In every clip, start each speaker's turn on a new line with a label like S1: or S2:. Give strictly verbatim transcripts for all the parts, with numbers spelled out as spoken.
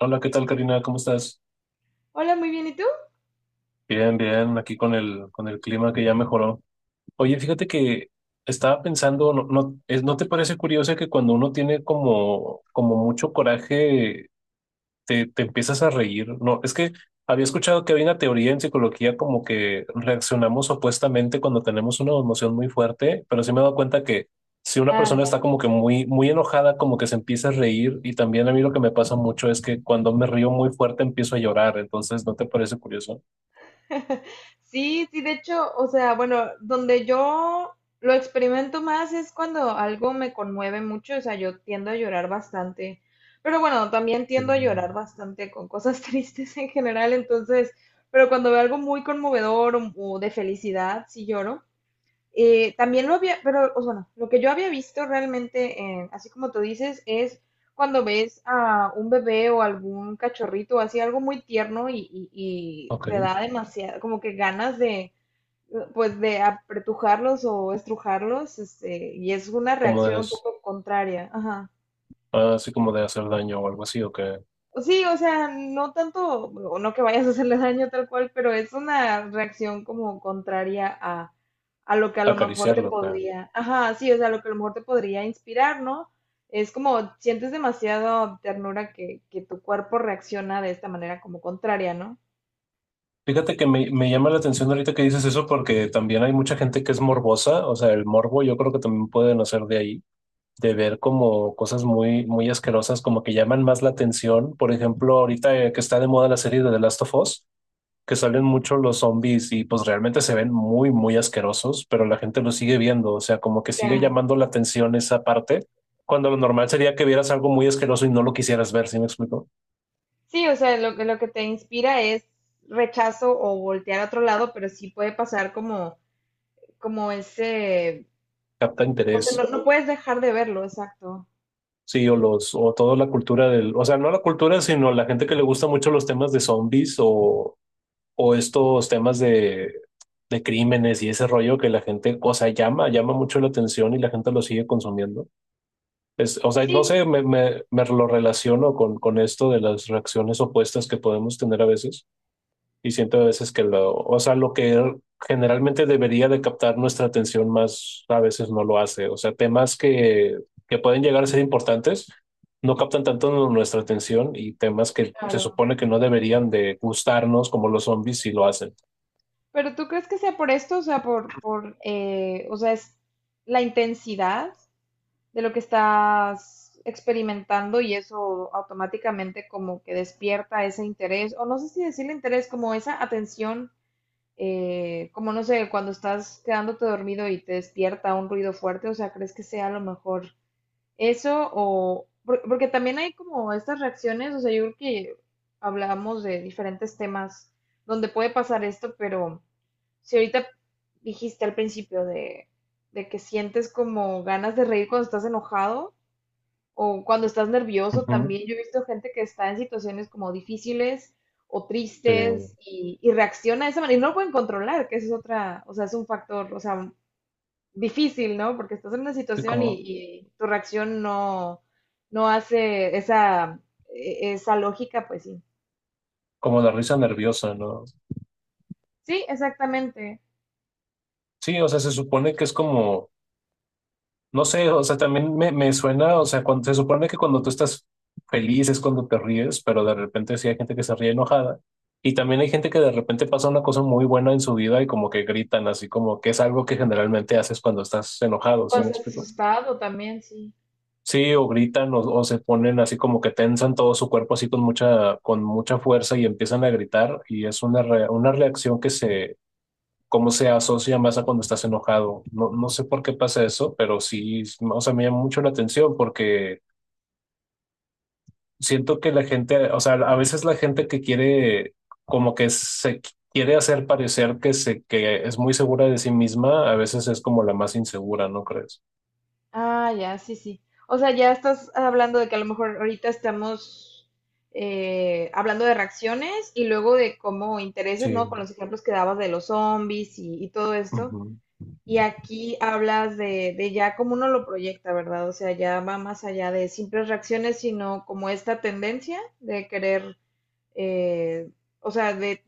S1: Hola, ¿qué tal, Karina? ¿Cómo estás?
S2: Hola, muy bien, ¿y tú?
S1: Bien, bien, aquí con el, con el clima que ya mejoró. Oye, fíjate que estaba pensando, ¿no, no, es- ¿no te parece curioso que cuando uno tiene como, como mucho coraje te, te empiezas a reír? No, es que había escuchado que había una teoría en psicología como que reaccionamos opuestamente cuando tenemos una emoción muy fuerte, pero sí me he dado cuenta que si una
S2: Ah,
S1: persona está
S2: ya.
S1: como que muy, muy enojada, como que se empieza a reír, y también a mí lo que me pasa mucho es que cuando me río muy fuerte empiezo a llorar, entonces ¿no te parece curioso?
S2: Sí, sí, de hecho, o sea, bueno, donde yo lo experimento más es cuando algo me conmueve mucho, o sea, yo tiendo a llorar bastante, pero bueno, también
S1: Eh,
S2: tiendo a llorar bastante con cosas tristes en general, entonces, pero cuando veo algo muy conmovedor o, o de felicidad, sí lloro. Eh, también lo había, pero o sea, bueno, lo que yo había visto realmente, eh, así como tú dices, es cuando ves a un bebé o algún cachorrito, así algo muy tierno y, y- y
S1: Ok,
S2: te da demasiado, como que ganas de, pues de apretujarlos o estrujarlos, este, y es una
S1: como de,
S2: reacción un
S1: as-
S2: poco contraria. Ajá.
S1: ah, así como de hacer daño o algo así, o que
S2: Sí, o sea, no tanto, o no que vayas a hacerle daño tal cual, pero es una reacción como contraria a lo que a lo mejor te
S1: acariciarlo, que.
S2: podría, ajá, sí, o sea, lo que a lo mejor te podría inspirar, ¿no? Es como sientes demasiado ternura que, que tu cuerpo reacciona de esta manera como contraria, ¿no?
S1: Fíjate que me, me llama la atención ahorita que dices eso porque también hay mucha gente que es morbosa, o sea, el morbo yo creo que también puede nacer de ahí, de ver como cosas muy, muy asquerosas, como que llaman más la atención. Por ejemplo, ahorita eh, que está de moda la serie de The Last of Us, que salen mucho los zombies y pues realmente se ven muy, muy asquerosos, pero la gente lo sigue viendo, o sea, como que sigue
S2: Ya.
S1: llamando la atención esa parte, cuando lo normal sería que vieras algo muy asqueroso y no lo quisieras ver, ¿sí me explico?
S2: Sí, o sea, lo, que- lo que te inspira es rechazo o voltear a otro lado, pero sí puede pasar como, como ese,
S1: Capta
S2: o sea,
S1: interés.
S2: no, no puedes dejar de verlo, exacto.
S1: Sí, o los, o toda la cultura del, o sea, no la cultura, sino la gente que le gusta mucho los temas de zombies o, o estos temas de, de crímenes y ese rollo que la gente, o sea, llama, llama mucho la atención y la gente lo sigue consumiendo. Es, o sea, no
S2: Sí.
S1: sé, me, me, me lo relaciono con, con esto de las reacciones opuestas que podemos tener a veces y siento a veces que lo, o sea, lo que er, generalmente debería de captar nuestra atención más a veces no lo hace. O sea, temas que, que pueden llegar a ser importantes no captan tanto nu- nuestra atención y temas que se
S2: Claro.
S1: supone que no deberían de gustarnos como los zombies sí lo hacen.
S2: Pero ¿tú crees que sea por esto? O sea, por, por, eh, o sea, es la intensidad de lo que estás experimentando y eso automáticamente como que despierta ese interés, o no sé si decirle interés, como esa atención, eh, como no sé, cuando estás quedándote dormido y te despierta un ruido fuerte, o sea, ¿crees que sea a lo mejor eso o por- porque también hay como estas reacciones, o sea, yo creo que hablamos de diferentes temas donde puede pasar esto, pero si ahorita dijiste al principio de, de que sientes como ganas de reír cuando estás enojado, o cuando estás nervioso
S1: Ujú.
S2: también. Yo he visto gente que está en situaciones como difíciles o
S1: Sí,
S2: tristes y, y reacciona de esa manera y no lo pueden controlar, que eso es otra, o sea, es un factor, o sea, difícil, ¿no? Porque estás en una
S1: sí,
S2: situación y,
S1: como,
S2: y tu reacción no, no hace esa, e- esa lógica, pues sí.
S1: como la risa nerviosa, ¿no?
S2: Sí, exactamente.
S1: Sí, o sea, se supone que es como. No sé, o sea, también me, me suena, o sea, cuando, se supone que cuando tú estás feliz es cuando te ríes, pero de repente sí hay gente que se ríe enojada. Y también hay gente que de repente pasa una cosa muy buena en su vida y como que gritan, así como que es algo que generalmente haces cuando estás enojado, ¿sí me
S2: Cosas
S1: explico?
S2: asustadas.
S1: Sí, o gritan o, o, se ponen así como que tensan todo su cuerpo así con mucha, con mucha fuerza y empiezan a gritar y es una, re- una reacción que se cómo se asocia más a cuando estás enojado. No, no sé por qué pasa eso, pero sí, o sea, me llama mucho la atención porque siento que la gente, o sea, a veces la gente que quiere, como que se quiere hacer parecer que, se, que es muy segura de sí misma, a veces es como la más insegura, ¿no crees?
S2: Ah, ya, sí, sí. O sea, ya estás hablando de que a lo mejor ahorita estamos eh, hablando de reacciones y luego de cómo intereses, ¿no?
S1: Sí.
S2: Con los ejemplos que dabas de los zombies y, y todo esto.
S1: Ujú.
S2: Y aquí hablas de, de ya cómo uno lo proyecta, ¿verdad? O sea, ya va más allá de simples reacciones, sino como esta tendencia de querer, eh, o sea, de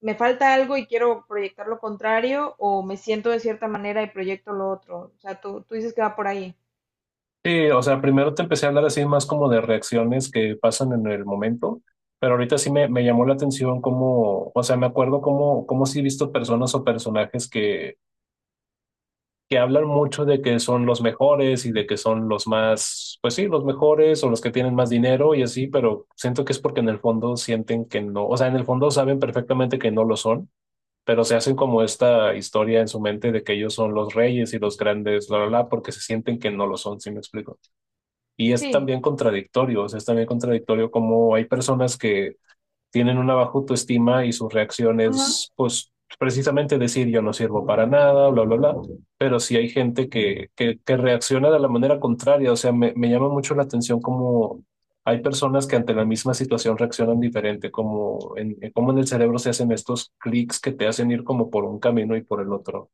S2: me falta algo y quiero proyectar lo contrario o me siento de cierta manera y proyecto lo otro. O sea, tú, tú dices que va por ahí.
S1: Sí, o sea, primero te empecé a hablar así más como de reacciones que pasan en el momento. Pero ahorita sí me, me llamó la atención cómo, o sea, me acuerdo cómo, cómo sí he visto personas o personajes que que hablan mucho de que son los mejores y de que son los más, pues sí, los mejores o los que tienen más dinero y así, pero siento que es porque en el fondo sienten que no, o sea, en el fondo saben perfectamente que no lo son, pero se hacen como esta historia en su mente de que ellos son los reyes y los grandes, la, la, la, porque se sienten que no lo son, ¿sí me explico? Y es
S2: Sí.
S1: también contradictorio, o sea, es también contradictorio como hay personas que tienen una baja autoestima y su reacción
S2: Ajá.
S1: es, pues, precisamente decir yo no sirvo para nada, bla, bla, bla. Pero sí hay gente que, que, que reacciona de la manera contraria. O sea, me, me llama mucho la atención cómo hay personas que ante la misma situación reaccionan diferente, como en, en- cómo en el cerebro se hacen estos clics que te hacen ir como por un camino y por el otro.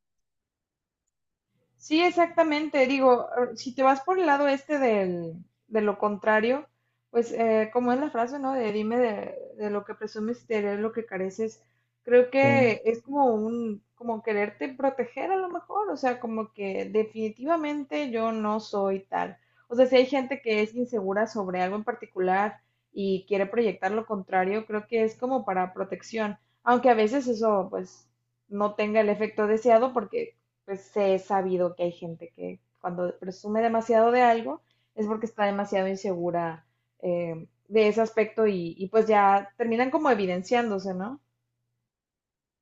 S2: Sí, exactamente. Digo, eh, si te vas por el lado este del, de lo contrario, pues eh, como es la frase, ¿no? De dime de, de lo que presumes y te daré lo que careces. Creo
S1: Sí.
S2: que es como un, como quererte proteger a lo mejor, o sea, como que definitivamente yo no soy tal. O sea, si hay gente que es insegura sobre algo en particular y quiere proyectar lo contrario, creo que es como para protección, aunque a veces eso pues no tenga el efecto deseado porque pues he sabido que hay gente que cuando presume demasiado de algo es porque está demasiado insegura eh, de ese aspecto y, y, pues ya terminan como evidenciándose, ¿no?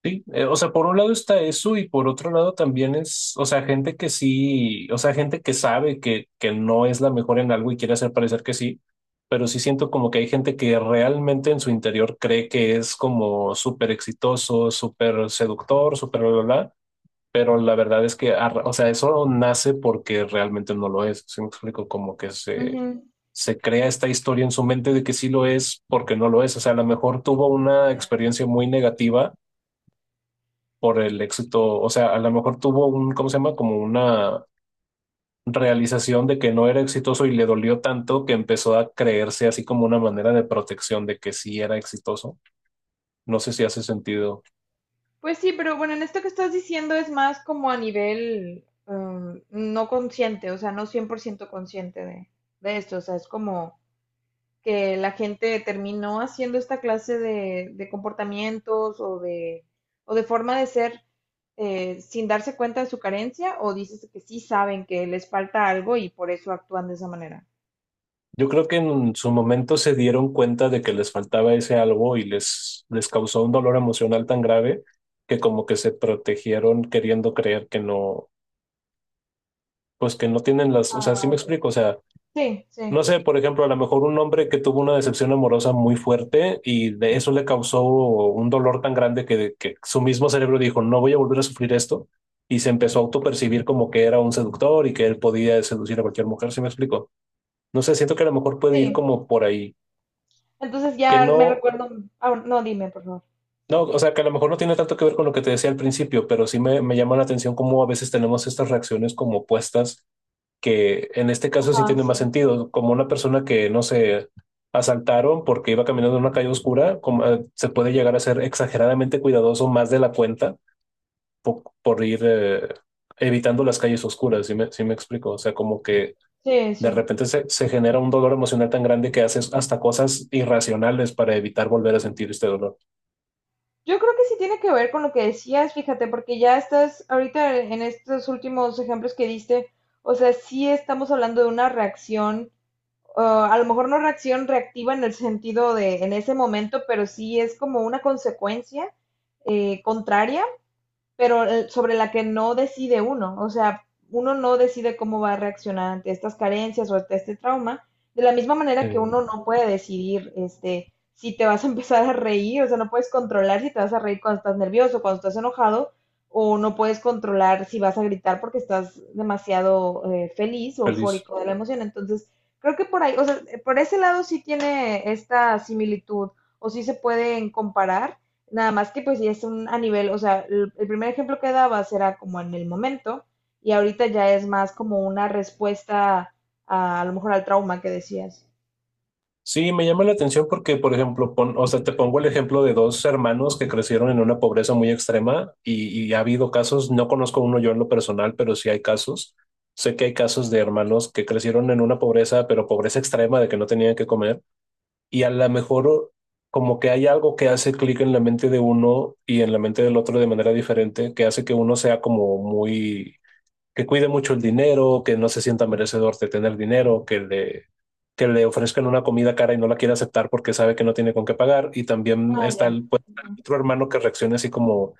S1: Sí, eh, o sea, por un lado está eso y por otro lado también es, o sea, gente que sí, o sea, gente que sabe que, que no es la mejor en algo y quiere hacer parecer que sí, pero sí siento como que hay gente que realmente en su interior cree que es como súper exitoso, súper seductor, súper bla, bla, bla, pero la verdad es que, arra- o sea, eso nace porque realmente no lo es, ¿sí me explico? Como que se,
S2: Ujú.
S1: se crea esta historia en su mente de que sí lo es porque no lo es, o sea, a lo mejor tuvo una
S2: Ya.
S1: experiencia muy negativa por el éxito, o sea, a lo mejor tuvo un, ¿cómo se llama? Como una realización de que no era exitoso y le dolió tanto que empezó a creerse así como una manera de protección de que sí era exitoso. No sé si hace sentido.
S2: Pues sí, pero bueno, en esto que estás diciendo es más como a nivel um, no consciente, o sea, no cien por ciento consciente de, de esto, o sea, es como que la gente terminó haciendo esta clase de, de comportamientos o de, o de forma de ser eh, sin darse cuenta de su carencia o ¿dices que sí saben que les falta algo y por eso actúan de esa manera?
S1: Yo creo que en su momento se dieron cuenta de que les faltaba ese algo y les, les causó un dolor emocional tan grave que como que se protegieron queriendo creer que no, pues que no tienen las, o sea, sí
S2: Ah,
S1: me
S2: ok.
S1: explico, o sea.
S2: Sí, sí,
S1: No sé, por ejemplo, a lo mejor un hombre que tuvo una decepción amorosa muy fuerte y de eso le causó un dolor tan grande que, que su mismo cerebro dijo, no voy a volver a sufrir esto, y se empezó a autopercibir como que era un seductor y que él podía seducir a cualquier mujer, ¿sí me explico? No sé, siento que a lo mejor puede ir
S2: sí.
S1: como por ahí,
S2: Entonces
S1: que
S2: ya me
S1: no,
S2: recuerdo, ah, no, dime, por favor.
S1: no, o sea, que a lo mejor no tiene tanto que ver con lo que te decía al principio, pero sí me, me llama la atención cómo a veces tenemos estas reacciones como opuestas que en este caso sí
S2: Ajá,
S1: tiene más
S2: sí.
S1: sentido, como una persona que, no sé, asaltaron porque iba caminando en una calle oscura, como, eh, se puede llegar a ser exageradamente cuidadoso más de la cuenta por, por ir eh, evitando las calles oscuras, sí me, sí me explico? O sea, como que
S2: Sí,
S1: de
S2: sí.
S1: repente se, se genera un dolor emocional tan grande que haces hasta cosas irracionales para evitar volver a sentir este dolor.
S2: Yo creo que sí tiene que ver con lo que decías, fíjate, porque ya estás ahorita en estos últimos ejemplos que diste, o sea, sí estamos hablando de una reacción ah, a lo mejor no reacción reactiva en el sentido de en ese momento, pero sí es como una consecuencia eh, contraria pero eh, sobre la que no decide uno. O sea, uno no decide cómo va a reaccionar ante estas carencias o ante este trauma, de la misma
S1: Eh,
S2: manera que uno no puede decidir este, si te vas a empezar a reír, o sea, no puedes controlar si te vas a reír cuando estás nervioso, cuando estás enojado, o no puedes controlar si vas a gritar porque estás demasiado eh, feliz o
S1: Feliz.
S2: eufórico de la emoción. Entonces, creo que por ahí, o sea, por ese lado sí tiene esta similitud o sí se pueden comparar. Nada más que pues ya es un a nivel, o sea, el, el primer ejemplo que dabas era como en el momento y ahorita ya es más como una respuesta a, a lo mejor al trauma que decías.
S1: Sí, me llama la atención porque, por ejemplo, pon- o sea, te pongo el ejemplo de dos hermanos que crecieron en una pobreza muy extrema y, y ha habido casos, no conozco uno yo en lo personal, pero sí hay casos. Sé que hay casos de hermanos que crecieron en una pobreza, pero pobreza extrema de que no tenían que comer y a lo mejor como que hay algo que hace clic en la mente de uno y en la mente del otro de manera diferente, que hace que uno sea como muy que cuide mucho el dinero, que no se sienta merecedor de tener dinero, que le, que le ofrezcan una comida cara y no la quiere aceptar porque sabe que no tiene con qué pagar. Y también
S2: Ah,
S1: está
S2: ya.
S1: el, pues, otro hermano que reaccione así como,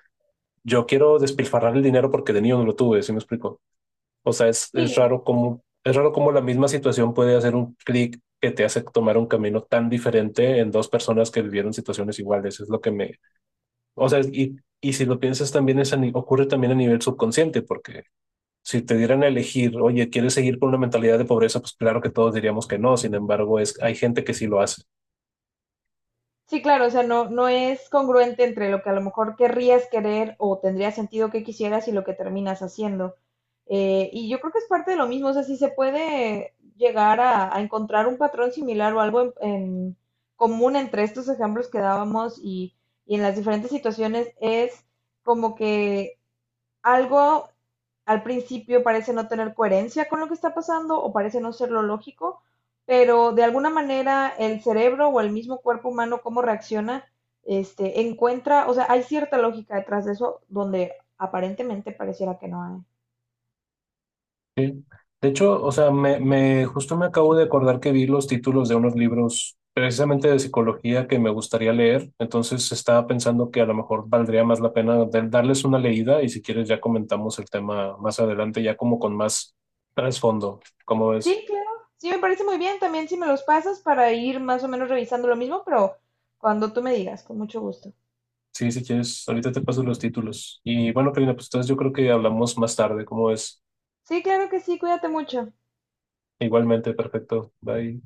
S1: yo quiero despilfarrar el dinero porque de niño no lo tuve, ¿sí me explico? O sea, es, es
S2: Sí.
S1: raro cómo es raro cómo la misma situación puede hacer un clic que te hace tomar un camino tan diferente en dos personas que vivieron situaciones iguales. Es lo que me. O sea, y, y si lo piensas también es a, ocurre también a nivel subconsciente, porque si te dieran a elegir, oye, ¿quieres seguir con una mentalidad de pobreza? Pues claro que todos diríamos que no, sin embargo, es, hay gente que sí lo hace.
S2: Sí, claro, o sea, no, no es congruente entre lo que a lo mejor querrías querer o tendría sentido que quisieras y lo que terminas haciendo. Eh, y yo creo que es parte de lo mismo, o sea, si se puede llegar a, a encontrar un patrón similar o algo en, en común entre estos ejemplos que dábamos y, y en las diferentes situaciones, es como que algo al principio parece no tener coherencia con lo que está pasando o parece no ser lo lógico, pero de alguna manera el cerebro o el mismo cuerpo humano, cómo reacciona, este, encuentra, o sea, hay cierta lógica detrás de eso donde aparentemente pareciera que no hay.
S1: ¿Sí? De hecho, o sea, me, me, justo me acabo de acordar que vi los títulos de unos libros precisamente de psicología que me gustaría leer, entonces estaba pensando que a lo mejor valdría más la pena de- darles una leída y si quieres ya comentamos el tema más adelante, ya como con más trasfondo, ¿cómo ves?
S2: Sí, claro, sí, me parece muy bien también si me los pasas para ir más o menos revisando lo mismo, pero cuando tú me digas, con mucho gusto.
S1: Sí, si quieres, ahorita te paso los títulos. Y bueno, Karina, pues entonces yo creo que hablamos más tarde, ¿cómo ves?
S2: Sí, claro que sí, cuídate mucho.
S1: Igualmente, perfecto. Bye.